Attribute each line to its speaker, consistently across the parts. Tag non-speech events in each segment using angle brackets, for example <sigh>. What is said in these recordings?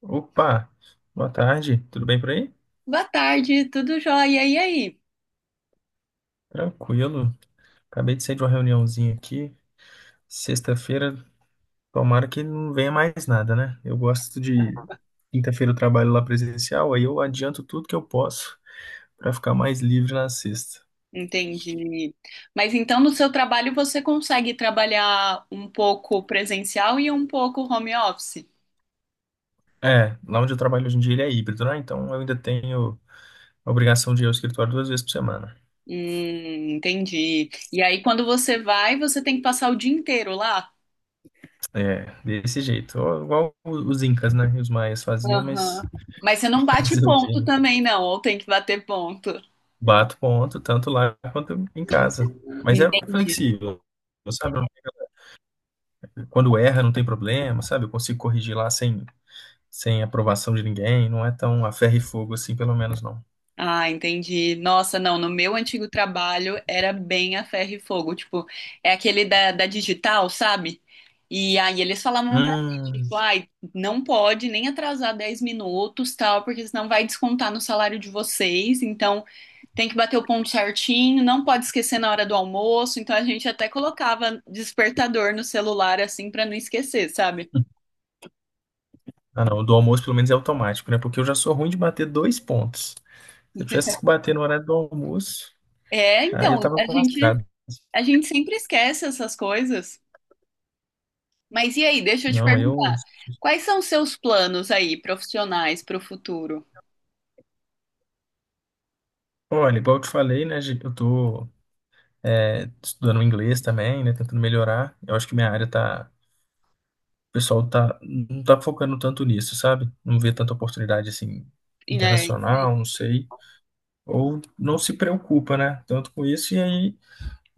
Speaker 1: Opa, boa tarde, tudo bem por aí?
Speaker 2: Boa tarde, tudo jóia? E aí?
Speaker 1: Tranquilo, acabei de sair de uma reuniãozinha aqui. Sexta-feira, tomara que não venha mais nada, né? Eu gosto de quinta-feira, eu trabalho lá presencial, aí eu adianto tudo que eu posso pra ficar mais livre na sexta.
Speaker 2: Entendi. Mas então no seu trabalho você consegue trabalhar um pouco presencial e um pouco home office?
Speaker 1: É, lá onde eu trabalho hoje em dia ele é híbrido, né? Então eu ainda tenho a obrigação de ir ao escritório duas vezes por semana.
Speaker 2: Entendi. E aí quando você vai, você tem que passar o dia inteiro lá?
Speaker 1: É, desse jeito, ó, igual os incas, né? Os maias faziam, mas
Speaker 2: Aham. Mas você não bate
Speaker 1: <laughs> fazer o quê?
Speaker 2: ponto
Speaker 1: Né?
Speaker 2: também, não, ou tem que bater ponto?
Speaker 1: Bato ponto, tanto lá quanto em casa. Mas é
Speaker 2: Entendi.
Speaker 1: flexível, sabe? Quando erra, não tem problema, sabe? Eu consigo corrigir lá sem aprovação de ninguém. Não é tão a ferro e fogo assim, pelo menos não.
Speaker 2: Ah, entendi. Nossa, não, no meu antigo trabalho era bem a ferro e fogo, tipo, é aquele da digital, sabe? E aí eles falavam pra gente,
Speaker 1: Hum.
Speaker 2: tipo, ai, não pode nem atrasar 10 minutos, tal, porque senão vai descontar no salário de vocês, então tem que bater o ponto certinho, não pode esquecer na hora do almoço, então a gente até colocava despertador no celular, assim, pra não esquecer, sabe?
Speaker 1: Ah, não. O do almoço, pelo menos, é automático, né? Porque eu já sou ruim de bater dois pontos. Se eu tivesse que bater no horário do almoço,
Speaker 2: É,
Speaker 1: aí eu
Speaker 2: então,
Speaker 1: tava
Speaker 2: a gente,
Speaker 1: lascado.
Speaker 2: a gente sempre esquece essas coisas. Mas e aí, deixa eu te
Speaker 1: Não, eu.
Speaker 2: perguntar, quais são os seus planos aí, profissionais, para o futuro?
Speaker 1: Olha, igual eu te falei, né? Estudando inglês também, né? Tentando melhorar. Eu acho que minha área tá o pessoal não tá focando tanto nisso, sabe? Não vê tanta oportunidade assim
Speaker 2: E, né.
Speaker 1: internacional, não sei. Ou não se preocupa, né? Tanto com isso. E aí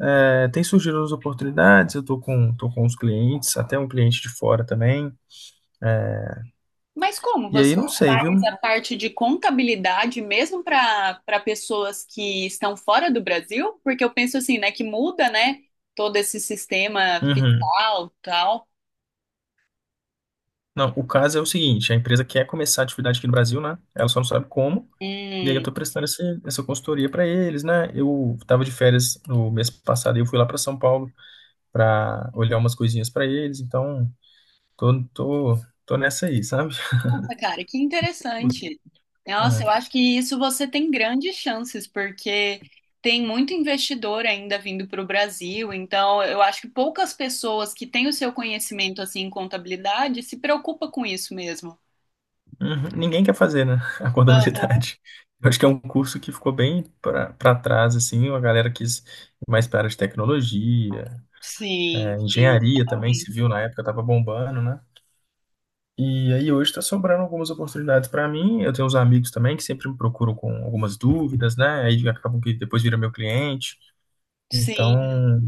Speaker 1: é, tem surgido as oportunidades. Tô com os clientes, até um cliente de fora também.
Speaker 2: Mas como
Speaker 1: E
Speaker 2: você
Speaker 1: aí não sei, viu?
Speaker 2: faz a parte de contabilidade mesmo para pessoas que estão fora do Brasil? Porque eu penso assim, né, que muda, né, todo esse sistema
Speaker 1: Uhum.
Speaker 2: fiscal, tal.
Speaker 1: Não, o caso é o seguinte: a empresa quer começar a atividade aqui no Brasil, né? Ela só não sabe como. E aí eu
Speaker 2: Hum.
Speaker 1: tô prestando essa consultoria para eles, né? Eu tava de férias no mês passado e eu fui lá para São Paulo para olhar umas coisinhas para eles. Então, Tô, tô, tô nessa aí, sabe?
Speaker 2: Nossa, cara, que interessante. Nossa, eu
Speaker 1: É.
Speaker 2: acho que isso você tem grandes chances, porque tem muito investidor ainda vindo para o Brasil, então eu acho que poucas pessoas que têm o seu conhecimento assim em contabilidade se preocupa com isso mesmo.
Speaker 1: Uhum. Ninguém quer fazer, né? <laughs> A
Speaker 2: Aham.
Speaker 1: contabilidade. Eu acho que é um curso que ficou bem para trás, assim. A galera quis ir mais para a área de tecnologia,
Speaker 2: Sim,
Speaker 1: é,
Speaker 2: sim,
Speaker 1: engenharia também,
Speaker 2: exatamente.
Speaker 1: civil na época estava bombando, né? E aí hoje está sobrando algumas oportunidades para mim. Eu tenho uns amigos também que sempre me procuram com algumas dúvidas, né? Aí acabam que depois vira meu cliente. Então,
Speaker 2: Sim.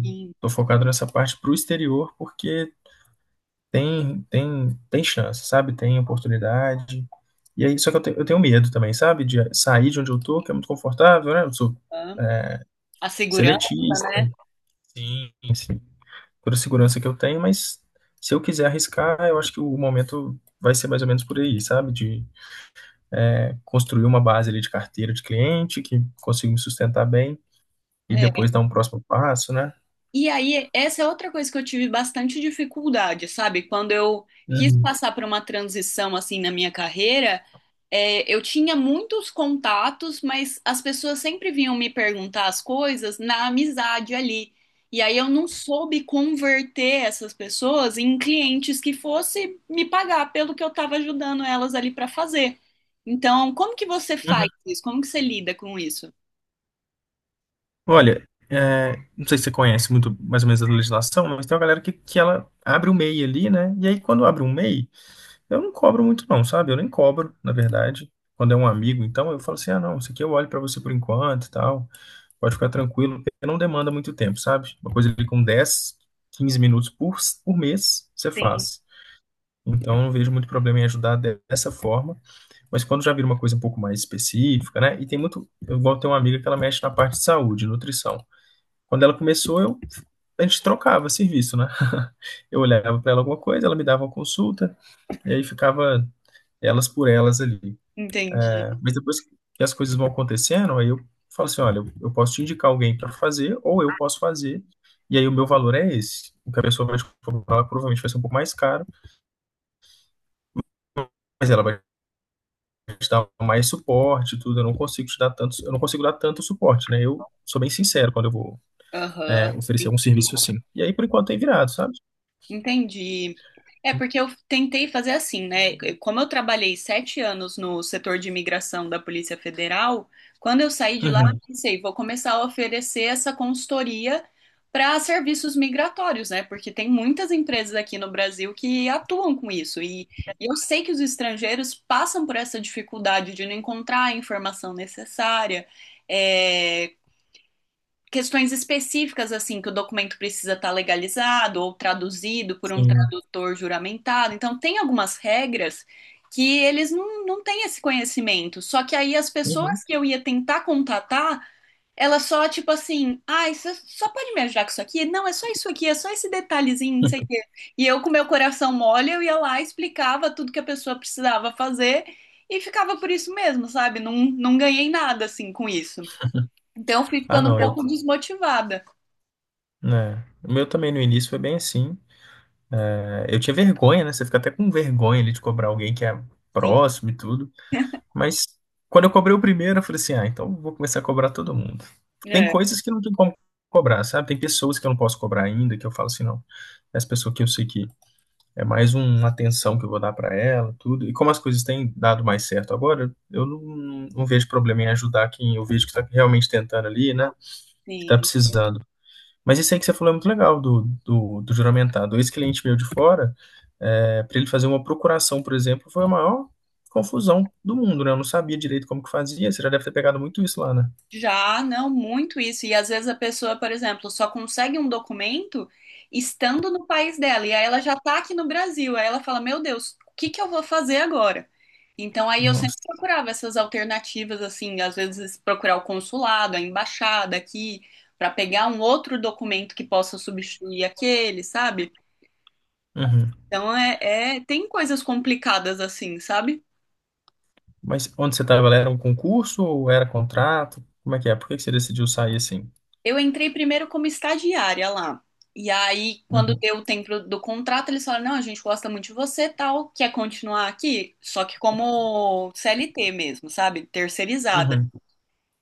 Speaker 2: Sim.
Speaker 1: estou focado nessa parte para o exterior, porque tem chance, sabe? Tem oportunidade. E aí, só que eu tenho medo também, sabe? De sair de onde eu tô, que é muito confortável, né? Eu sou
Speaker 2: Aham. A segurança,
Speaker 1: seletista, sim, sim. Toda a segurança que eu tenho, mas se eu quiser arriscar, eu acho que o momento vai ser mais ou menos por aí, sabe? De é, construir uma base ali de carteira de cliente, que consiga me sustentar bem, e
Speaker 2: né?
Speaker 1: depois dar um próximo passo, né?
Speaker 2: E aí, essa é outra coisa que eu tive bastante dificuldade, sabe? Quando eu quis
Speaker 1: Uhum.
Speaker 2: passar por uma transição assim na minha carreira, eu tinha muitos contatos, mas as pessoas sempre vinham me perguntar as coisas na amizade ali. E aí eu não soube converter essas pessoas em clientes que fosse me pagar pelo que eu estava ajudando elas ali para fazer. Então, como que você faz
Speaker 1: Uhum.
Speaker 2: isso? Como que você lida com isso?
Speaker 1: Olha, é, não sei se você conhece muito mais ou menos a legislação, mas tem uma galera que ela abre o MEI ali, né? E aí quando abre um MEI, eu não cobro muito não, sabe? Eu nem cobro, na verdade. Quando é um amigo, então eu falo assim, ah, não, isso aqui eu olho pra você por enquanto e tal, pode ficar tranquilo, porque não demanda muito tempo, sabe? Uma coisa ali com 10, 15 minutos por mês, você
Speaker 2: Sim,
Speaker 1: faz. Então, eu não vejo muito problema em ajudar dessa forma, mas quando já vira uma coisa um pouco mais específica, né? E tem muito, eu igual tem uma amiga que ela mexe na parte de saúde, nutrição. Quando ela começou, eu, a gente trocava serviço, né? <laughs> Eu olhava para ela alguma coisa, ela me dava uma consulta, e aí ficava elas por elas ali.
Speaker 2: entendi.
Speaker 1: Né? Mas depois que as coisas vão acontecendo, aí eu falo assim: olha, eu posso te indicar alguém para fazer, ou eu posso fazer, e aí o meu valor é esse. O que a pessoa vai te cobrar provavelmente vai ser um pouco mais caro, mas ela vai te dar mais suporte, tudo. Eu não consigo te dar tanto, eu não consigo dar tanto suporte, né? Eu sou bem sincero quando
Speaker 2: Aham.
Speaker 1: oferecer algum serviço assim. E aí, por enquanto, tem virado, sabe?
Speaker 2: Entendi. É porque eu tentei fazer assim, né? Como eu trabalhei 7 anos no setor de imigração da Polícia Federal, quando eu saí de lá, eu
Speaker 1: Uhum.
Speaker 2: pensei, vou começar a oferecer essa consultoria para serviços migratórios, né? Porque tem muitas empresas aqui no Brasil que atuam com isso. E eu sei que os estrangeiros passam por essa dificuldade de não encontrar a informação necessária, eh, questões específicas, assim, que o documento precisa estar legalizado ou traduzido por um
Speaker 1: Sim.
Speaker 2: tradutor juramentado. Então, tem algumas regras que eles não, não têm esse conhecimento. Só que aí as
Speaker 1: Uhum.
Speaker 2: pessoas que eu ia tentar contatar, elas só, tipo assim, ai, você só pode me ajudar com isso aqui? Não, é só isso aqui, é só esse detalhezinho, não sei.
Speaker 1: <laughs>
Speaker 2: E eu, com meu coração mole, eu ia lá, explicava tudo que a pessoa precisava fazer e ficava por isso mesmo, sabe? Não, não ganhei nada, assim, com isso. Então, eu fui
Speaker 1: Ah,
Speaker 2: ficando um
Speaker 1: não, eu,
Speaker 2: pouco
Speaker 1: então,
Speaker 2: desmotivada.
Speaker 1: né? O meu também no início foi bem assim. É, eu tinha vergonha, né? Você fica até com vergonha ali de cobrar alguém que é
Speaker 2: Sim,
Speaker 1: próximo e tudo. Mas quando eu cobrei o primeiro, eu falei assim: ah, então eu vou começar a cobrar todo mundo. Tem
Speaker 2: é,
Speaker 1: coisas que não tem como cobrar, sabe? Tem pessoas que eu não posso cobrar ainda, que eu falo assim: não, essa pessoa que eu sei que é mais um, uma atenção que eu vou dar pra ela, tudo. E como as coisas têm dado mais certo agora, eu não, não vejo problema em ajudar quem eu vejo que tá realmente tentando ali, né? Que tá
Speaker 2: sim.
Speaker 1: precisando. Mas isso aí que você falou é muito legal do juramentado. Esse cliente meu de fora, para ele fazer uma procuração, por exemplo, foi a maior confusão do mundo, né? Eu não sabia direito como que fazia. Você já deve ter pegado muito isso lá, né?
Speaker 2: Já, não, muito isso. E às vezes a pessoa, por exemplo, só consegue um documento estando no país dela. E aí ela já tá aqui no Brasil. Aí ela fala: Meu Deus, o que que eu vou fazer agora? Então aí eu sempre
Speaker 1: Nossa.
Speaker 2: procurava essas alternativas, assim, às vezes procurar o consulado, a embaixada aqui, para pegar um outro documento que possa substituir aquele, sabe?
Speaker 1: Uhum.
Speaker 2: Então é, tem coisas complicadas assim, sabe?
Speaker 1: Mas onde você estava, era um concurso ou era contrato? Como é que é? Por que que você decidiu sair assim?
Speaker 2: Eu entrei primeiro como estagiária lá. E aí, quando
Speaker 1: Uhum.
Speaker 2: deu o tempo do contrato, eles falaram: não, a gente gosta muito de você, tal, quer continuar aqui? Só que como CLT mesmo, sabe? Terceirizada.
Speaker 1: Uhum.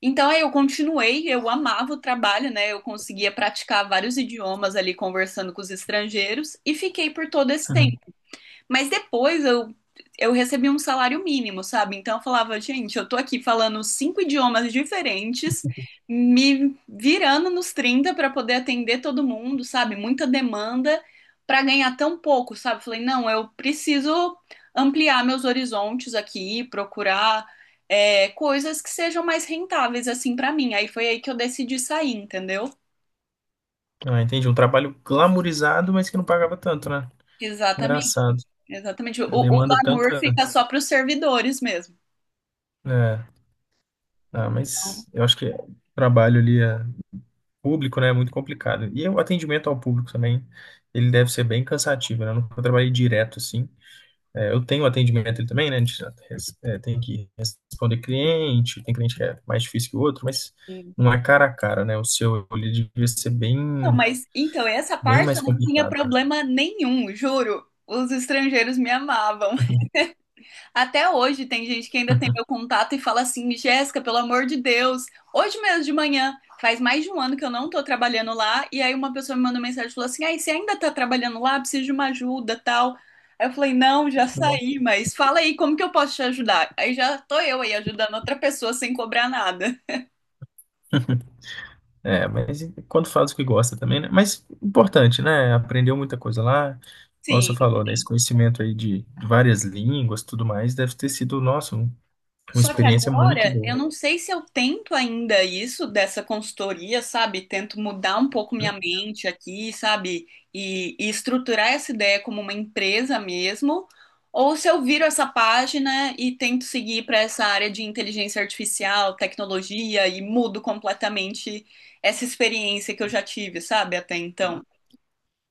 Speaker 2: Então, aí eu continuei, eu amava o trabalho, né? Eu conseguia praticar vários idiomas ali conversando com os estrangeiros e fiquei por todo esse
Speaker 1: Uhum.
Speaker 2: tempo. Mas depois eu recebi um salário mínimo, sabe? Então eu falava, gente, eu tô aqui falando 5 idiomas diferentes, me virando nos 30 para poder atender todo mundo, sabe? Muita demanda para ganhar tão pouco, sabe? Falei, não, eu preciso ampliar meus horizontes aqui, procurar coisas que sejam mais rentáveis assim para mim. Aí foi aí que eu decidi sair, entendeu?
Speaker 1: Ah, entendi. Um trabalho glamourizado, mas que não pagava tanto, né?
Speaker 2: Exatamente,
Speaker 1: Engraçado.
Speaker 2: exatamente. O
Speaker 1: Demanda
Speaker 2: glamour
Speaker 1: tanta.
Speaker 2: fica só para os servidores mesmo.
Speaker 1: É. Ah, mas eu acho que o trabalho ali, é público, né, é muito complicado. E o atendimento ao público também, ele deve ser bem cansativo, né? Eu nunca trabalhei direto assim. É, eu tenho atendimento ele também, né? A gente tem que responder cliente, tem cliente que é mais difícil que o outro, mas não é cara a cara, né? O seu ele devia ser
Speaker 2: Não,
Speaker 1: bem,
Speaker 2: mas então, essa
Speaker 1: bem
Speaker 2: parte
Speaker 1: mais
Speaker 2: eu não tinha
Speaker 1: complicado, né?
Speaker 2: problema nenhum, juro. Os estrangeiros me amavam. Até hoje tem gente que ainda tem meu
Speaker 1: <laughs>
Speaker 2: contato e fala assim: Jéssica, pelo amor de Deus, hoje mesmo de manhã, faz mais de um ano que eu não tô trabalhando lá. E aí uma pessoa me mandou mensagem e falou assim: Ai, você ainda tá trabalhando lá? Preciso de uma ajuda, tal. Aí eu falei: Não, já saí, mas fala aí, como que eu posso te ajudar? Aí já tô eu aí ajudando outra pessoa sem cobrar nada.
Speaker 1: É, mas quando faz o que gosta também, né? Mas importante, né? Aprendeu muita coisa lá. Como você
Speaker 2: Sim.
Speaker 1: falou, né? Esse conhecimento aí de várias línguas, tudo mais, deve ter sido, nosso. Uma
Speaker 2: Só que
Speaker 1: experiência muito
Speaker 2: agora,
Speaker 1: boa.
Speaker 2: eu não sei se eu tento ainda isso dessa consultoria, sabe? Tento mudar um pouco minha
Speaker 1: Hum.
Speaker 2: mente aqui, sabe? E estruturar essa ideia como uma empresa mesmo, ou se eu viro essa página e tento seguir para essa área de inteligência artificial, tecnologia e mudo completamente essa experiência que eu já tive, sabe? Até então.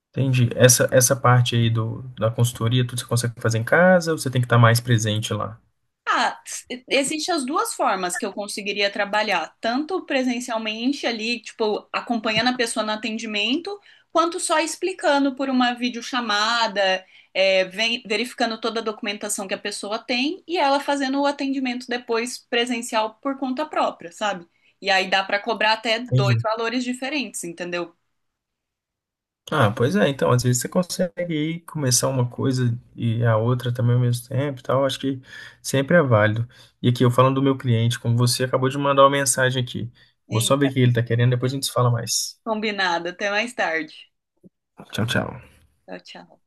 Speaker 1: Entendi. Essa parte aí da consultoria, tudo você consegue fazer em casa ou você tem que estar mais presente lá?
Speaker 2: Ah, existem as duas formas que eu conseguiria trabalhar, tanto presencialmente ali, tipo, acompanhando a pessoa no atendimento, quanto só explicando por uma videochamada, verificando toda a documentação que a pessoa tem e ela fazendo o atendimento depois presencial por conta própria, sabe? E aí dá pra cobrar até dois
Speaker 1: Entendi.
Speaker 2: valores diferentes, entendeu?
Speaker 1: Ah,
Speaker 2: Então,
Speaker 1: pois é, então, às vezes você consegue aí começar uma coisa e a outra também ao mesmo tempo e tal, acho que sempre é válido. E aqui, eu falando do meu cliente, como você acabou de mandar uma mensagem aqui. Vou só ver
Speaker 2: eita,
Speaker 1: o que ele tá querendo, depois a gente se fala mais.
Speaker 2: combinado, até mais tarde.
Speaker 1: Tchau, tchau.
Speaker 2: Tchau, tchau.